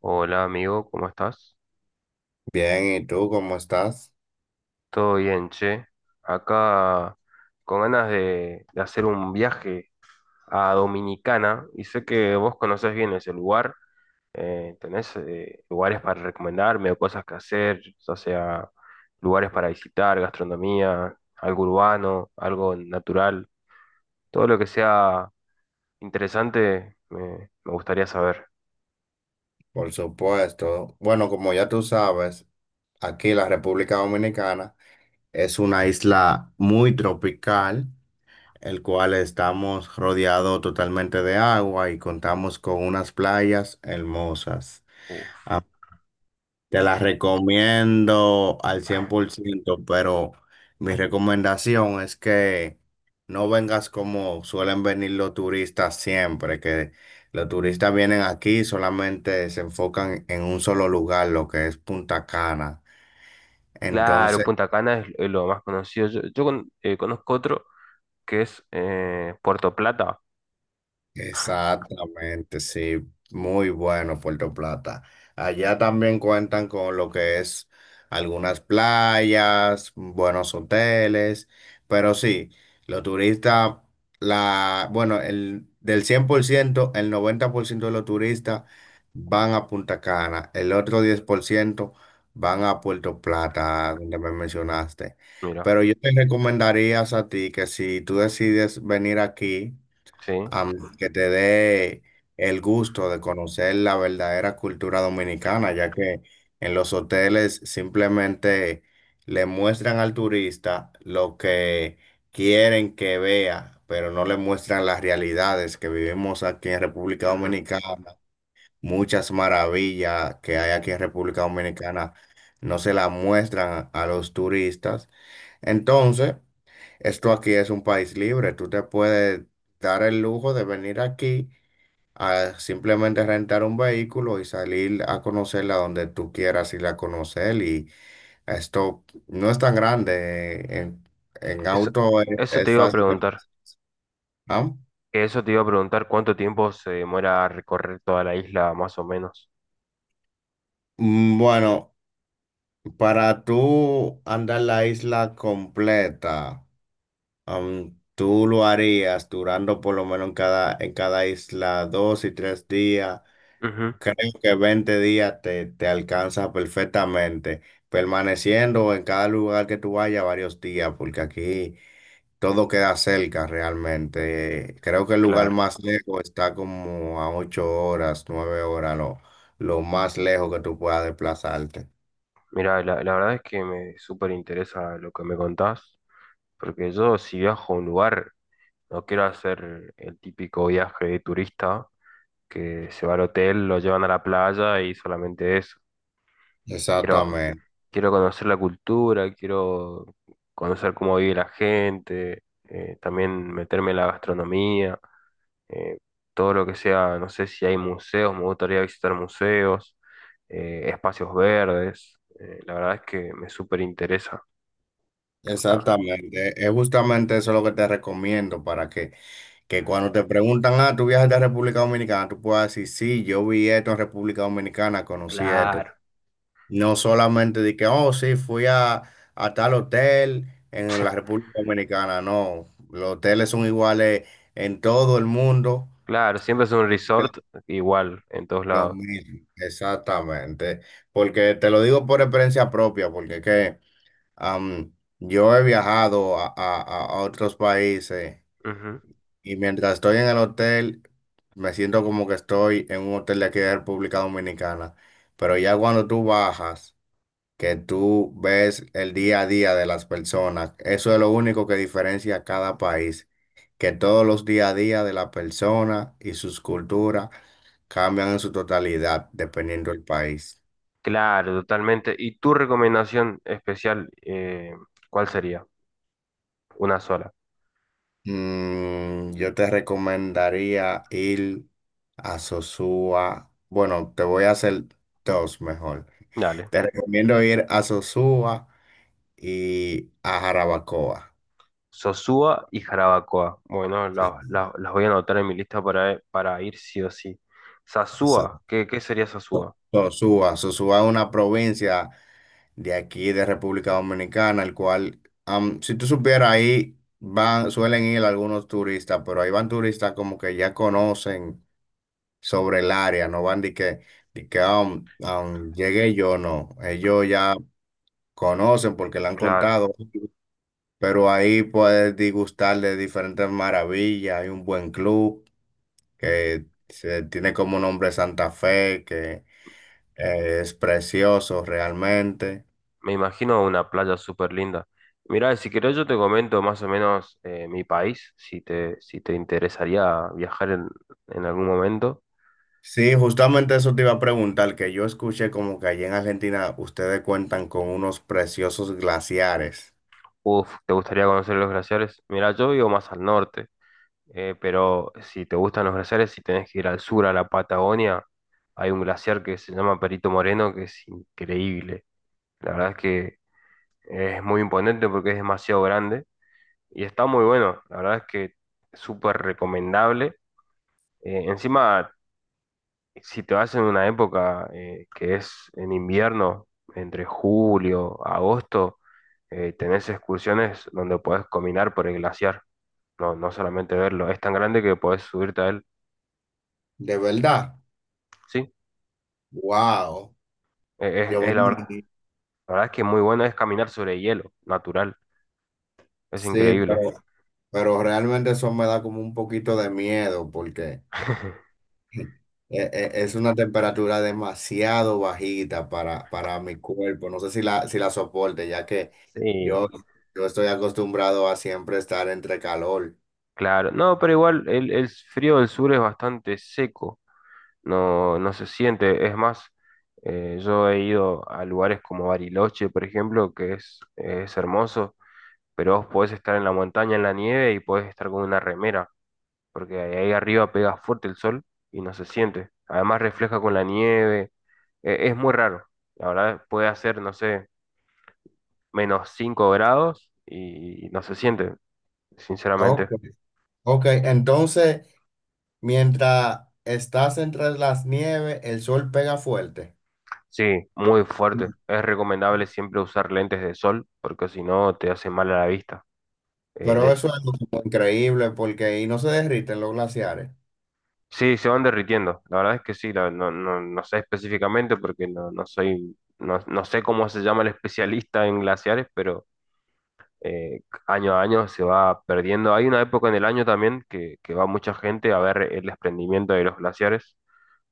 Hola amigo, ¿cómo estás? Bien, ¿y tú cómo estás? Todo bien, che. Acá con ganas de hacer un viaje a Dominicana y sé que vos conocés bien ese lugar. ¿Tenés lugares para recomendarme o cosas que hacer? O sea, lugares para visitar, gastronomía, algo urbano, algo natural. Todo lo que sea interesante me gustaría saber. Por supuesto. Bueno, como ya tú sabes, aquí la República Dominicana es una isla muy tropical, el cual estamos rodeado totalmente de agua y contamos con unas playas hermosas. Uf. A Te la recomiendo al 100%, pero mi recomendación es que no vengas como suelen venir los turistas siempre, que los turistas vienen aquí y solamente se enfocan en un solo lugar, lo que es Punta Cana. Claro, Entonces, Punta Cana es lo más conocido. Yo conozco otro. Que es Puerto Plata. exactamente, sí, muy bueno Puerto Plata. Allá también cuentan con lo que es algunas playas, buenos hoteles, pero sí, los turistas, bueno, del 100%, el 90% de los turistas van a Punta Cana, el otro 10% van a Puerto Plata, donde me mencionaste. Mira, Pero yo te recomendaría a ti que si tú decides venir aquí, sí. Que te dé el gusto de conocer la verdadera cultura dominicana, ya que en los hoteles simplemente le muestran al turista lo que quieren que vea, pero no le muestran las realidades que vivimos aquí en República Ujú. Dominicana. Muchas maravillas que hay aquí en República Dominicana no se las muestran a los turistas. Entonces, esto aquí es un país libre. Tú te puedes dar el lujo de venir aquí a simplemente rentar un vehículo y salir a conocerla donde tú quieras ir a conocer. Y esto no es tan grande. eh, En, en Eso, auto es, eso te es iba a fácil de. preguntar. ¿Ah? Eso te iba a preguntar cuánto tiempo se demora recorrer toda la isla, más o menos. Bueno, para tú andar la isla completa, tú lo harías durando por lo menos en cada isla 2 y 3 días. Ujú. Creo que 20 días te alcanza perfectamente, permaneciendo en cada lugar que tú vayas varios días, porque aquí todo queda cerca realmente. Creo que el lugar Claro. más lejos está como a 8 horas, 9 horas, lo más lejos que tú puedas desplazarte. Mira, la verdad es que me súper interesa lo que me contás, porque yo si viajo a un lugar, no quiero hacer el típico viaje de turista que se va al hotel, lo llevan a la playa y solamente eso. Quiero, Exactamente, quiero conocer la cultura, quiero conocer cómo vive la gente, también meterme en la gastronomía, eh, todo lo que sea, no sé si hay museos, me gustaría visitar museos, espacios verdes, la verdad es que me súper interesa. Está. exactamente. Es justamente eso lo que te recomiendo para que cuando te preguntan, ah, ¿tú viajas de República Dominicana? Tú puedas decir, sí, yo vi esto en República Dominicana, conocí esto. Claro, No solamente de que, oh, sí, fui a, tal hotel en la República Dominicana. No, los hoteles son iguales en todo el mundo. claro, siempre es un resort igual en todos Lo lados. mismo, exactamente. Porque te lo digo por experiencia propia, porque es que yo he viajado a, a otros países Ujú. y mientras estoy en el hotel, me siento como que estoy en un hotel de aquí de República Dominicana. Pero ya cuando tú bajas, que tú ves el día a día de las personas. Eso es lo único que diferencia a cada país, que todos los día a día de la persona y sus culturas cambian en su totalidad dependiendo del país. Claro, totalmente. ¿Y tu recomendación especial, cuál sería? Una sola. Yo te recomendaría ir a Sosúa. Bueno, te voy a hacer dos mejor. Dale. Te recomiendo ir a Sosúa y a Jarabacoa. Sosúa y Jarabacoa. Bueno, Sí. Las voy a anotar en mi lista para ir sí o sí. Exacto. Sasúa, ¿qué, qué sería Sasúa? Sosúa. Sosúa es una provincia de aquí, de República Dominicana, el cual, si tú supieras, ahí van, suelen ir algunos turistas, pero ahí van turistas como que ya conocen sobre el área, no van de que, de que llegué yo, no, ellos ya conocen porque le han Claro, contado, pero ahí puedes degustar de diferentes maravillas, hay un buen club que se tiene como nombre Santa Fe, que es precioso realmente. me imagino una playa súper linda. Mirá, si querés yo te comento más o menos mi país, si te, si te interesaría viajar en algún momento. Sí, justamente eso te iba a preguntar, que yo escuché como que allí en Argentina ustedes cuentan con unos preciosos glaciares. Uf, ¿te gustaría conocer los glaciares? Mirá, yo vivo más al norte, pero si te gustan los glaciares, si tenés que ir al sur, a la Patagonia, hay un glaciar que se llama Perito Moreno, que es increíble. La verdad es que es muy imponente porque es demasiado grande y está muy bueno. La verdad es que es súper recomendable. Encima, si te vas en una época que es en invierno, entre julio, agosto, tenés excursiones donde podés caminar por el glaciar. No, no solamente verlo. Es tan grande que podés subirte a él. ¿De verdad? Sí, Wow. Yo me es la verdad. imagino. La verdad es que muy bueno es caminar sobre hielo, natural. Es Sí, increíble. pero, realmente eso me da como un poquito de miedo porque e- es una temperatura demasiado bajita para, mi cuerpo. No sé si la soporte, ya que Sí, yo, yo estoy acostumbrado a siempre estar entre calor. claro, no, pero igual el frío del sur es bastante seco, no, no se siente. Es más, yo he ido a lugares como Bariloche, por ejemplo, que es hermoso, pero vos podés estar en la montaña, en la nieve y podés estar con una remera, porque ahí arriba pega fuerte el sol y no se siente. Además refleja con la nieve, es muy raro. La verdad, puede hacer, no sé, -5 grados y no se siente, sinceramente. Ok. Ok, entonces. Mientras estás entre las nieves, el sol pega fuerte. Sí, muy fuerte. Es recomendable siempre usar lentes de sol porque si no te hace mal a la vista. Eh, Pero de- eso es algo como increíble porque ahí no se derriten los glaciares. Sí, se van derritiendo. La verdad es que sí, no, no sé específicamente porque no, no soy, no, no sé cómo se llama el especialista en glaciares, pero eh, año a año se va perdiendo. Hay una época en el año también que va mucha gente a ver el desprendimiento de los glaciares.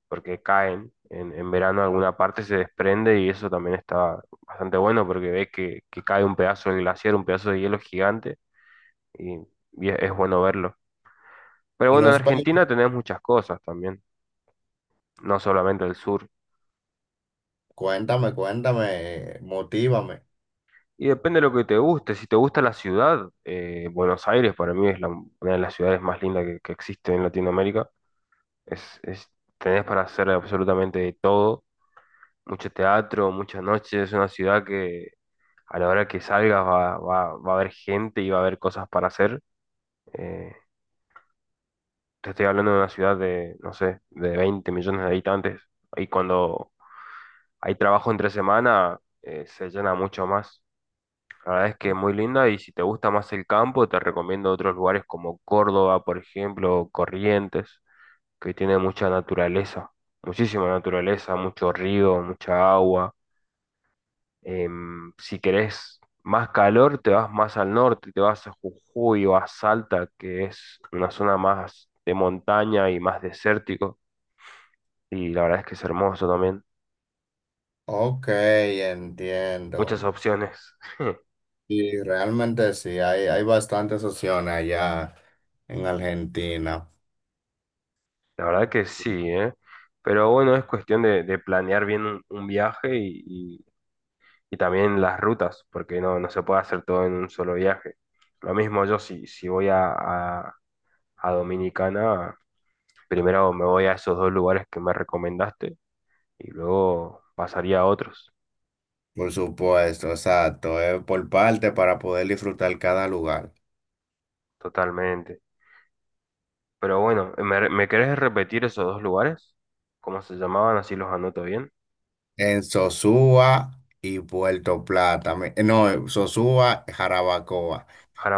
Porque caen en verano alguna parte se desprende y eso también está bastante bueno porque ves que cae un pedazo de glaciar, un pedazo de hielo gigante y, y es bueno verlo. Pero Y bueno, no en es Argentina peli-. tenés muchas cosas también, no solamente el sur. Cuéntame, cuéntame, motívame. Y depende de lo que te guste. Si te gusta la ciudad, Buenos Aires para mí es una de las ciudades más lindas que existe en Latinoamérica. Es, es- tenés para hacer absolutamente de todo, mucho teatro, muchas noches. Es una ciudad que a la hora que salgas va a haber gente y va a haber cosas para hacer. Eh, te estoy hablando de una ciudad de, no sé, de 20 millones de habitantes. Y cuando hay trabajo entre semana, se llena mucho más. La verdad es que es muy linda y si te gusta más el campo, te recomiendo otros lugares como Córdoba, por ejemplo, o Corrientes, que tiene mucha naturaleza, muchísima naturaleza, mucho río, mucha agua. Si querés más calor, te vas más al norte, te vas a Jujuy o a Salta, que es una zona más de montaña y más desértico. Y la verdad es que es hermoso también. Ok, Muchas entiendo. opciones. Y realmente sí, hay bastantes opciones allá en Argentina. La verdad que sí, ¿eh? Pero bueno, es cuestión de planear bien un viaje y y también las rutas, porque no, no se puede hacer todo en un solo viaje. Lo mismo yo, si, si voy a a Dominicana, primero me voy a esos dos lugares que me recomendaste y luego pasaría a otros, Por supuesto, exacto. Es por parte para poder disfrutar cada lugar. totalmente. Pero bueno, me querés repetir esos dos lugares? ¿Cómo se llamaban? Así los anoto bien. En Sosúa y Puerto Plata. No, en Sosúa, Jarabacoa.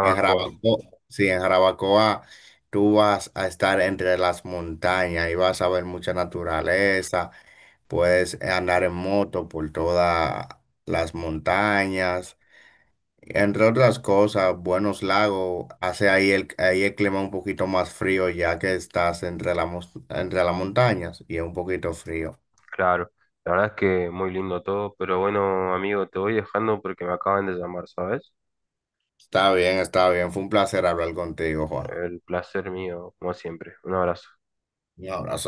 En Jarabacoa, sí, en Jarabacoa tú vas a estar entre las montañas y vas a ver mucha naturaleza. Puedes andar en moto por todas las montañas. Entre otras cosas, buenos lagos. Hace ahí el, clima un poquito más frío ya que estás entre entre las montañas y es un poquito frío. claro. La verdad es que muy lindo todo, pero bueno, amigo, te voy dejando porque me acaban de llamar, ¿sabes? Está bien, está bien. Fue un placer hablar contigo, Juan. El placer mío, como siempre. Un abrazo. Un abrazo.